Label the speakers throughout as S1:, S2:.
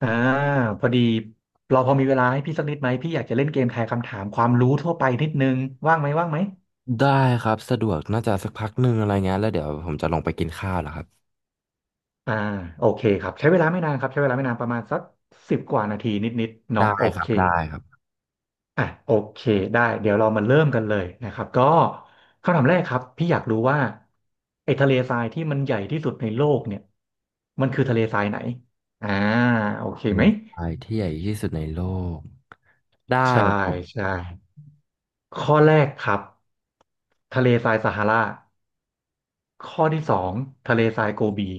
S1: อ่าพอดีเราพอมีเวลาให้พี่สักนิดไหมพี่อยากจะเล่นเกมทายคำถามความรู้ทั่วไปนิดนึงว่างไหม
S2: ได้ครับสะดวกน่าจะสักพักหนึ่งอะไรเงี้ยแล้วเดี๋ยวผมจะลงไปกินข้าวแหล้วครับ
S1: อ่าโอเคครับใช้เวลาไม่นานครับใช้เวลาไม่นานประมาณสักสิบกว่านาทีนิดๆเนาะ
S2: ได้
S1: โอ
S2: ครั
S1: เค
S2: บได้ครับ
S1: อ่ะโอเคได้เดี๋ยวเรามาเริ่มกันเลยนะครับก็คำถามแรกครับพี่อยากรู้ว่าไอ้ทะเลทรายที่มันใหญ่ที่สุดในโลกเนี่ยมันคือทะเลทรายไหนอ่าโอเค
S2: เล
S1: ไหม
S2: นส์ไฟที่ใหญ่ที่สุดในโลกได้
S1: ใช่ใช่ข้อแรกครับทะเลทรายซาฮารา ข้อที่สองทะเลทรายโกบี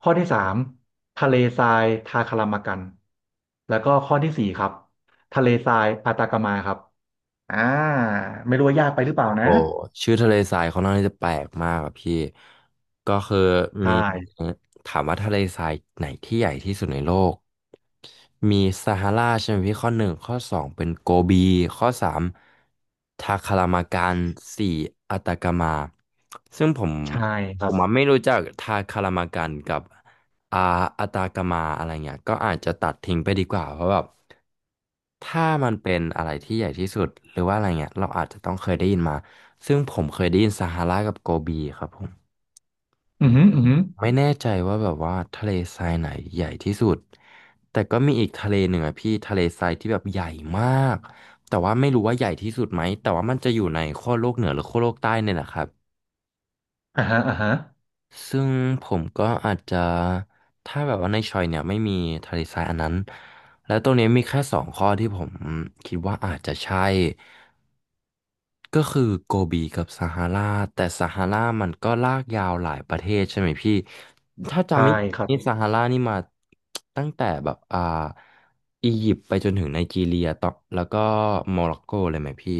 S1: ข้อที่สามทะเลทรายทาคารามากันแล้วก็ข้อที่สี่ครับทะเลทรายอาตากามาครับอ่าไม่รู้ว่ายากไปหรือเปล่านะ
S2: โอ้ชื่อทะเลทรายเขาน่อนข้างที่จะแปลกมากอะพี่ก็คือ
S1: ใช
S2: มี
S1: ่
S2: ถามว่าทะเลทรายไหนที่ใหญ่ที่สุดในโลกมีซาฮาราใช่ไหมพี่ข้อหนึ่งข้อสองเป็นโกบีข้อสามทาคารามากันสี่อัตากามาซึ่งผม
S1: ใช่ค
S2: ผ
S1: รับ
S2: มอะไม่รู้จักทาคารามากันกับ อ่าอัตากามาอะไรเงี้ยก็อาจจะตัดทิ้งไปดีกว่าเพราะแบบถ้ามันเป็นอะไรที่ใหญ่ที่สุดหรือว่าอะไรเงี้ยเราอาจจะต้องเคยได้ยินมาซึ่งผมเคยได้ยินซาฮารากับโกบีครับผม
S1: อือหืออือหือ
S2: ไม่แน่ใจว่าแบบว่าทะเลทรายไหนใหญ่ที่สุดแต่ก็มีอีกทะเลหนึ่งอะพี่ทะเลทรายที่แบบใหญ่มากแต่ว่าไม่รู้ว่าใหญ่ที่สุดไหมแต่ว่ามันจะอยู่ในขั้วโลกเหนือหรือขั้วโลกใต้เนี่ยแหละครับ
S1: อ่าฮะอ่าฮะ
S2: ซึ่งผมก็อาจจะถ้าแบบว่าในชอยเนี่ยไม่มีทะเลทรายอันนั้นและตรงนี้มีแค่สองข้อที่ผมคิดว่าอาจจะใช่ก็คือโกบีกับซาฮาราแต่ซาฮารามันก็ลากยาวหลายประเทศใช่ไหมพี่ถ้าจำ
S1: ใช่
S2: ไม่ผิ
S1: ค
S2: ด
S1: รับ
S2: นี่ซาฮารานี่มาตั้งแต่แบบอียิปต์ไปจนถึงไนจีเรียต่อแล้วก็โมร็อกโกเลยไหมพี่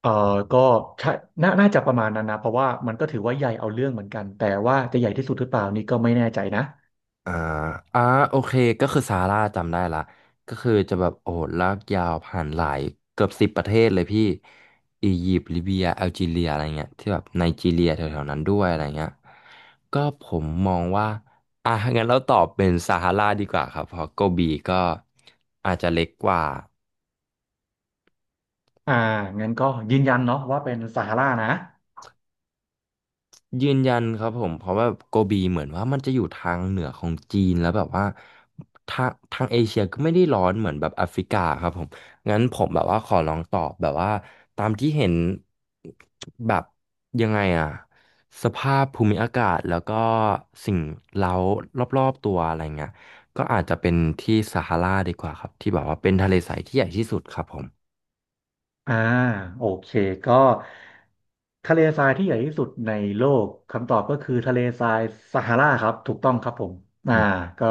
S1: เอ่อก็ใช่น่าจะประมาณนั้นนะเพราะว่ามันก็ถือว่าใหญ่เอาเรื่องเหมือนกันแต่ว่าจะใหญ่ที่สุดหรือเปล่านี่ก็ไม่แน่ใจนะ
S2: อ่าอ่าโอเคก็คือซาร่าจำได้ละก็คือจะแบบโอ้โหลากยาวผ่านหลายเกือบสิบประเทศเลยพี่ อียิปต์ลิเบียแอลจีเรียอะไรเงี้ยที่แบบไนจีเรียแถวๆนั้นด้วยอะไรเงี้ยก็ผมมองว่า อ่ะงั้นเราตอบเป็นซาฮาราดีกว่าครับ เพราะโกบีก็อาจจะเล็กกว่า
S1: อ่างั้นก็ยืนยันเนาะว่าเป็นซาฮารานะ
S2: ยืนยันครับผมเพราะว่าโกบีเหมือนว่ามันจะอยู่ทางเหนือของจีนแล้วแบบว่าทางเอเชียก็ไม่ได้ร้อนเหมือนแบบแอฟริกาครับผมงั้นผมแบบว่าขอลองตอบแบบว่าตามที่เห็นแบบยังไงอะสภาพภูมิอากาศแล้วก็สิ่งเร้ารอบๆตัวอะไรเงี้ยก็อาจจะเป็นที่ซาฮาราดีกว่าครับที่แบบว่าเป็นทะเลใสที่ใหญ่ที่สุดครับผม
S1: อ่าโอเคก็ทะเลทรายที่ใหญ่ที่สุดในโลกคำตอบก็คือทะเลทรายซาฮาราครับถูกต้องครับผมอ่าก็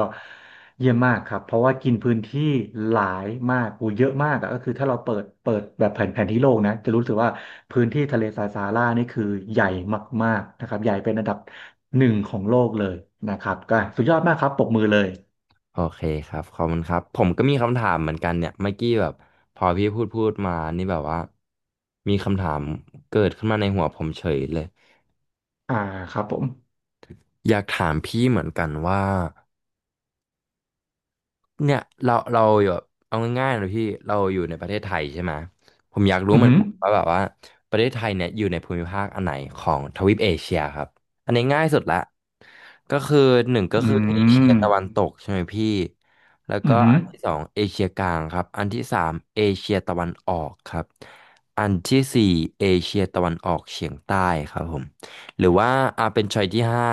S1: เยี่ยมมากครับเพราะว่ากินพื้นที่หลายมากอูเยอะมากอะก็คือถ้าเราเปิดแบบแผนที่โลกนะจะรู้สึกว่าพื้นที่ทะเลทรายซาฮารานี่คือใหญ่มากๆนะครับใหญ่เป็นอันดับหนึ่งของโลกเลยนะครับก็สุดยอดมากครับปรบมือเลย
S2: โอเคครับขอบคุณครับผมก็มีคำถามเหมือนกันเนี่ยเมื่อกี้แบบพอพี่พูดมานี่แบบว่ามีคำถามเกิดขึ้นมาในหัวผมเฉยเลย
S1: อ่าครับผม
S2: อยากถามพี่เหมือนกันว่า เนี่ยเราอยู่แบบเอาง่ายๆเลยพี่เราอยู่ในประเทศไทยใช่ไหมผมอยากรู้
S1: อือ
S2: เหมือน
S1: หือ
S2: กันว่าแบบว่าประเทศไทยเนี่ยอยู่ในภูมิภาคอันไหนของทวีปเอเชียครับอันนี้ง่ายสุดละก็คือหนึ่งก็
S1: อื
S2: คือเอเชีย
S1: ม
S2: ตะวันตกใช่ไหมพี่แล้ว
S1: อื
S2: ก็
S1: อหื
S2: อั
S1: อ
S2: นที่สองเอเชียกลางครับอันที่สามเอเชียตะวันออกครับอันที่สี่เอเชียตะวันออกเฉียงใต้ครับผมหรือว่าอาเป็นชอยที่ห้า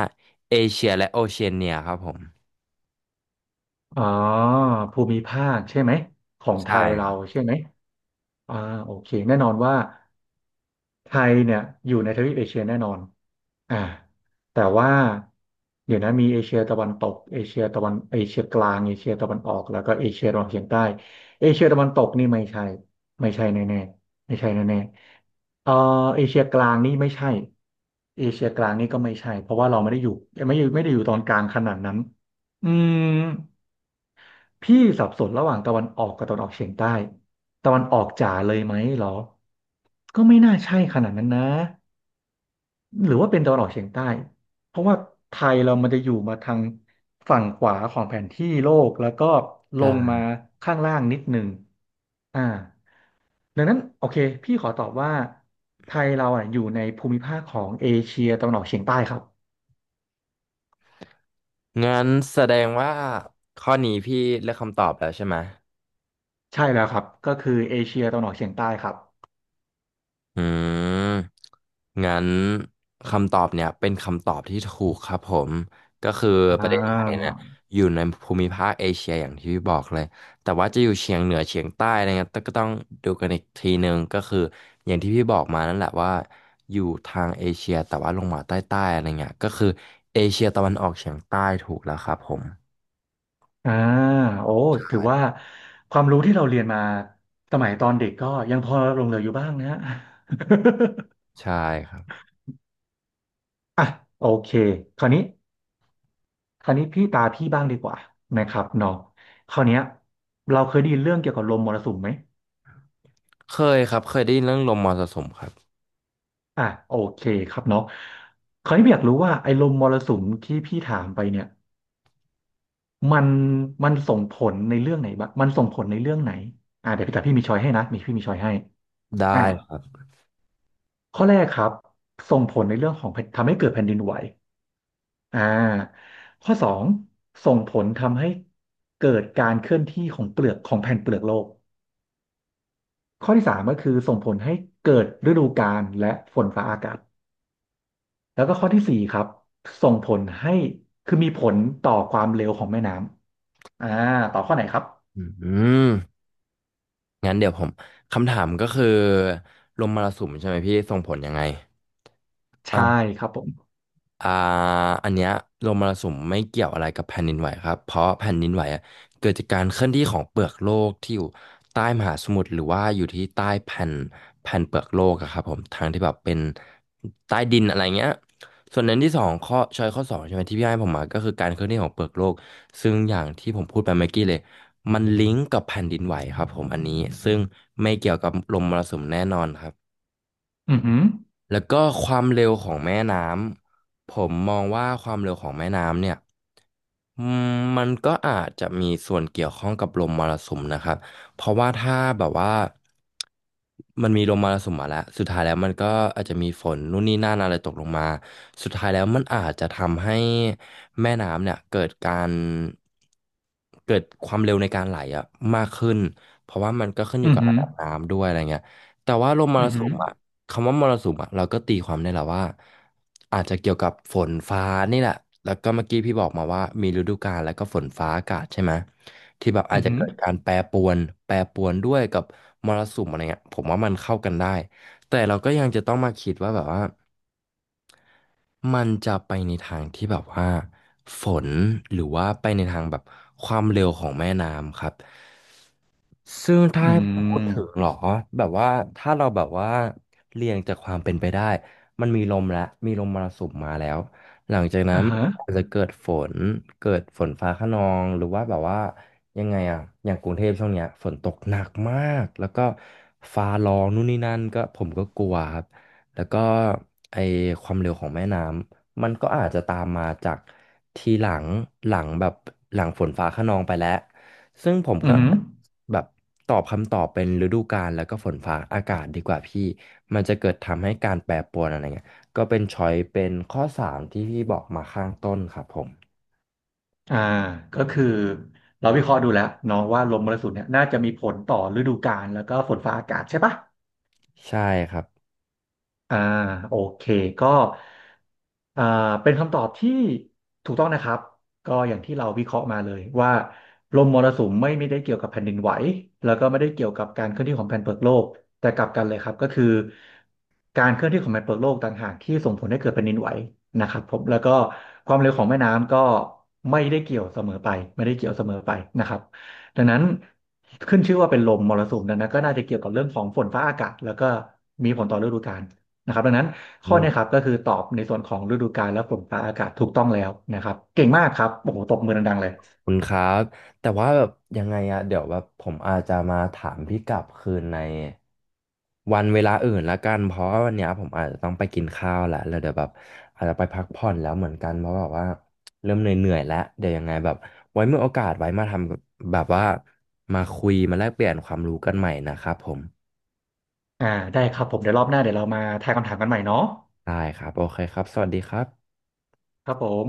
S2: เอเชียและโอเชียเนียครับผม
S1: อ๋อภูมิภาคใช่ไหมของไท
S2: ใช่
S1: ย
S2: ค
S1: เรา
S2: รับ
S1: ใช่ไหมอ่าโอเคแน่นอนว่าไทยเนี่ยอยู่ในทวีปเอเชียแน่นอนอ่าแต่ว่าเดี๋ยวนะมีเอเชียตะวันตกเอเชียกลางเอเชียตะวันออกแล้วก็เอเชียตะวันออกเฉียงใต้เอเชียตะวันตกนี่ไม่ใช่ไม่ใช่แน่ๆไม่ใช่แน่ๆเออเอเชียกลางนี่ไม่ใช่เอเชียกลางนี่ก็ไม่ใช่เพราะว่าเราไม่ได้อยู่ไม่ได้อยู่ตอนกลางขนาดนั้นอืม พี่สับสนระหว่างตะวันออกกับตะวันออกเฉียงใต้ตะวันออกจ๋าเลยไหมเหรอก็ไม่น่าใช่ขนาดนั้นนะหรือว่าเป็นตะวันออกเฉียงใต้เพราะว่าไทยเรามันจะอยู่มาทางฝั่งขวาของแผนที่โลกแล้วก็ลงมาข้างล่างนิดหนึ่งอ่าดังนั้นโอเคพี่ขอตอบว่าไทยเราอ่ะอยู่ในภูมิภาคของเอเชียตะวันออกเฉียงใต้ครับ
S2: งั้นแสดงว่าข้อนี้พี่เลือกคำตอบแล้วใช่ไหม
S1: ใช่แล้วครับก็คือเอเชียตะวันออกเฉียงใต้ครับ
S2: อืมงั้นคำตอบเนี่ยเป็นคำตอบที่ถูกครับผม ก็คือป
S1: อ่
S2: ระเทศไทยเนี่ย
S1: า
S2: อยู่ในภูมิภาคเอเชียอย่างที่พี่บอกเลยแต่ว่าจะอยู่เฉียงเหนือเฉียงใต้อะไรเงี้ยก็ต้องดูกันอีกทีนึงก็คืออย่างที่พี่บอกมานั่นแหละว่าอยู่ทางเอเชียแต่ว่าลงมาใต้ๆอะไรเงี้ยก็คือเอเชียตะวันออกเฉียงใต้ถูกแล้วครับผม
S1: อ่าโอ้
S2: ใช
S1: ถือ
S2: ่
S1: ว่าความรู้ที่เราเรียนมาสมัยตอนเด็กก็ยังพอหลงเหลืออยู่บ้างนะ ฮะ
S2: ใช่ครับ
S1: อ่ะโอเคคราวนี้คราวนี้พี่ตาพี่บ้างดีกว่านะครับเนาะคราวเนี้ยเราเคยได้ยินเรื่องเกี่ยวกับลมมรสุมไหม
S2: เคยครับเคยได้ยินเรื่องลมมรสุมครับ
S1: อ่ะโอเคครับเนาะคราวนี้พี่อยากรู้ว่าไอ้ลมมรสุมที่พี่ถามไปเนี่ยมันมันส่งผลในเรื่องไหนบ้างมันส่งผลในเรื่องไหนอ่ะเดี๋ยวพี่แตาพี่มีช้อยให้นะมีพี่มีช้อยให้อ่ะ
S2: ได้ครับ
S1: ข้อแรกครับส่งผลในเรื่องของแผ่นทำให้เกิดแผ่นดินไหวอ่าข้อสองส่งผลทำให้เกิดการเคลื่อนที่ของเปลือกของแผ่นเปลือกโลกข้อที่สามก็คือส่งผลให้เกิดฤดูกาลและฝนฟ้าอากาศแล้วก็ข้อที่สี่ครับส่งผลให้คือมีผลต่อความเร็วของแม่น้ำต่อข้อไหนครับ
S2: อืมงั้นเดี๋ยวผมคำถามก็คือลมมรสุมใช่ไหมพี่ส่งผลยังไง
S1: ใช่ครับผม
S2: อ่าอันเนี้ยลมมรสุมไม่เกี่ยวอะไรกับแผ่นดินไหวครับเพราะแผ่นดินไหวอะเกิดจากการเคลื่อนที่ของเปลือกโลกที่อยู่ใต้มหาสมุทรหรือว่าอยู่ที่ใต้แผ่นเปลือกโลกอะครับผมทางที่แบบเป็นใต้ดินอะไรเงี้ยส่วนนั้นที่สองข้อชอยข้อสองใช่ไหมที่พี่ให้ผมมาก็คือการเคลื่อนที่ของเปลือกโลกซึ่งอย่างที่ผมพูดไปเมื่อกี้เลยมันลิงก์กับแผ่นดินไหวครับผมอันนี้ซึ่งไม่เกี่ยวกับลมมรสุมแน่นอนครับ
S1: อือหือ
S2: แล้วก็ความเร็วของแม่น้ำผมมองว่าความเร็วของแม่น้ำเนี่ยอืมมันก็อาจจะมีส่วนเกี่ยวข้องกับลมมรสุมนะครับเพราะว่าถ้าแบบว่ามันมีลมมรสุมมาแล้วสุดท้ายแล้วมันก็อาจจะมีฝนนู่นนี่นั่นอะไรตกลงมาสุดท้ายแล้วมันอาจจะทำให้แม่น้ำเนี่ยเกิดการเกิดความเร็วในการไหลอะมากขึ้นเพราะว่ามันก็ขึ้นอยู่
S1: อือ
S2: กับ
S1: หื
S2: ระ
S1: อ
S2: ดับน้ำด้วยอะไรเงี้ยแต่ว่าลมม
S1: อื
S2: ร
S1: อ
S2: สุ
S1: หือ
S2: มอะ คำว่ามรสุมอ่ะเราก็ตีความได้แหละว่าอาจจะเกี่ยวกับฝนฟ้านี่แหละแล้วก็เมื่อกี้พี่บอกมาว่ามีฤดูกาลแล้วก็ฝนฟ้าอากาศใช่ไหมที่แบบ
S1: อื
S2: อาจ
S1: อ
S2: จะ
S1: หือ
S2: เกิดการแปรปรวนแปรปรวนด้วยกับมรสุมอะไรเงี้ยผมว่ามันเข้ากันได้แต่เราก็ยังจะต้องมาคิดว่าแบบว่ามันจะไปในทางที่แบบว่าฝนหรือว่าไปในทางแบบความเร็วของแม่น้ำครับ ซึ่งถ้า
S1: อื
S2: ให้พูดถึงเห
S1: ม
S2: รอแบบว่าถ้าเราแบบว่าเรียงจากความเป็นไปได้มันมีลมแล้วมีลมมรสุมมาแล้วหลังจากนั้
S1: อ่า
S2: น
S1: ฮะ
S2: อาจจะเกิดฝนเกิดฝนฟ้าคะนองหรือว่าแบบว่ายังไงอะอย่างกรุงเทพช่วงเนี้ยฝนตกหนักมากแล้วก็ฟ้าร้องนู่นนี่นั่นก็ผมก็กลัวครับแล้วก็ไอความเร็วของแม่น้ำมันก็อาจจะตามมาจากทีหลังหลังแบบหลังฝนฟ้าคะนองไปแล้ว ซึ่งผม
S1: อื
S2: ก็
S1: อหือ
S2: แบบตอบคำตอบเป็นฤดูกาลแล้วก็ฝนฟ้าอากาศดีกว่าพี่มันจะเกิดทำให้การแปรปรวนอะไรเงี้ยก็เป็นช้อยเป็นข้อสามที่พี่บอกมาข้างต้นครับผม
S1: อ่าก็คือเราวิเคราะห์ดูแล้วเนาะว่าลมมรสุมเนี่ยน่าจะมีผลต่อฤดูกาลแล้วก็ฝนฟ้าอากาศใช่ปะ
S2: ใช่ครับ
S1: อ่าโอเคก็อ่าเป็นคำตอบที่ถูกต้องนะครับก็อย่างที่เราวิเคราะห์มาเลยว่าลมมรสุมไม่ได้เกี่ยวกับแผ่นดินไหวแล้วก็ไม่ได้เกี่ยวกับการเคลื่อนที่ของแผ่นเปลือกโลกแต่กลับกันเลยครับก็คือการเคลื่อนที่ของแผ่นเปลือกโลกต่างหากที่ส่งผลให้เกิดแผ่นดินไหวนะครับผมแล้วก็ความเร็วของแม่น้ำก็ไม่ได้เกี่ยวเสมอไปไม่ได้เกี่ยวเสมอไปนะครับดังนั้นขึ้นชื่อว่าเป็นลมมรสุมดังนั้นก็น่าจะเกี่ยวกับเรื่องของฝนฟ้าอากาศแล้วก็มีผลต่อฤดูกาล นะครับดังนั้นข้อเนี้ครับก็คือตอบในส่วนของฤดูกาลและฝนฟ้าอากาศถูกต้องแล้วนะครับเก่งมากครับโอ้โหตบมือดังๆเลย
S2: คุณครับแต่ว่าแบบยังไงอะเดี๋ยวแบบผมอาจจะมาถามพี่กลับคืนในวันเวลาอื่นละกันเพราะว่าวันเนี้ยผมอาจจะต้องไปกินข้าวแหละแล้วเดี๋ยวแบบอาจจะไปพักผ่อนแล้วเหมือนกันเพราะแบบว่าเริ่มเหนื่อยๆแล้วเดี๋ยวยังไงแบบไว้มีโอกาสไว้มาทำแบบว่ามาคุยมาแลกเปลี่ยนความรู้กันใหม่นะครับผม
S1: อ่าได้ครับผมเดี๋ยวรอบหน้าเดี๋ยวเรามาทายคำถามกันใหม่เนาะ
S2: ได้ครับโอเคครับสวัสดีครับ
S1: ครับผม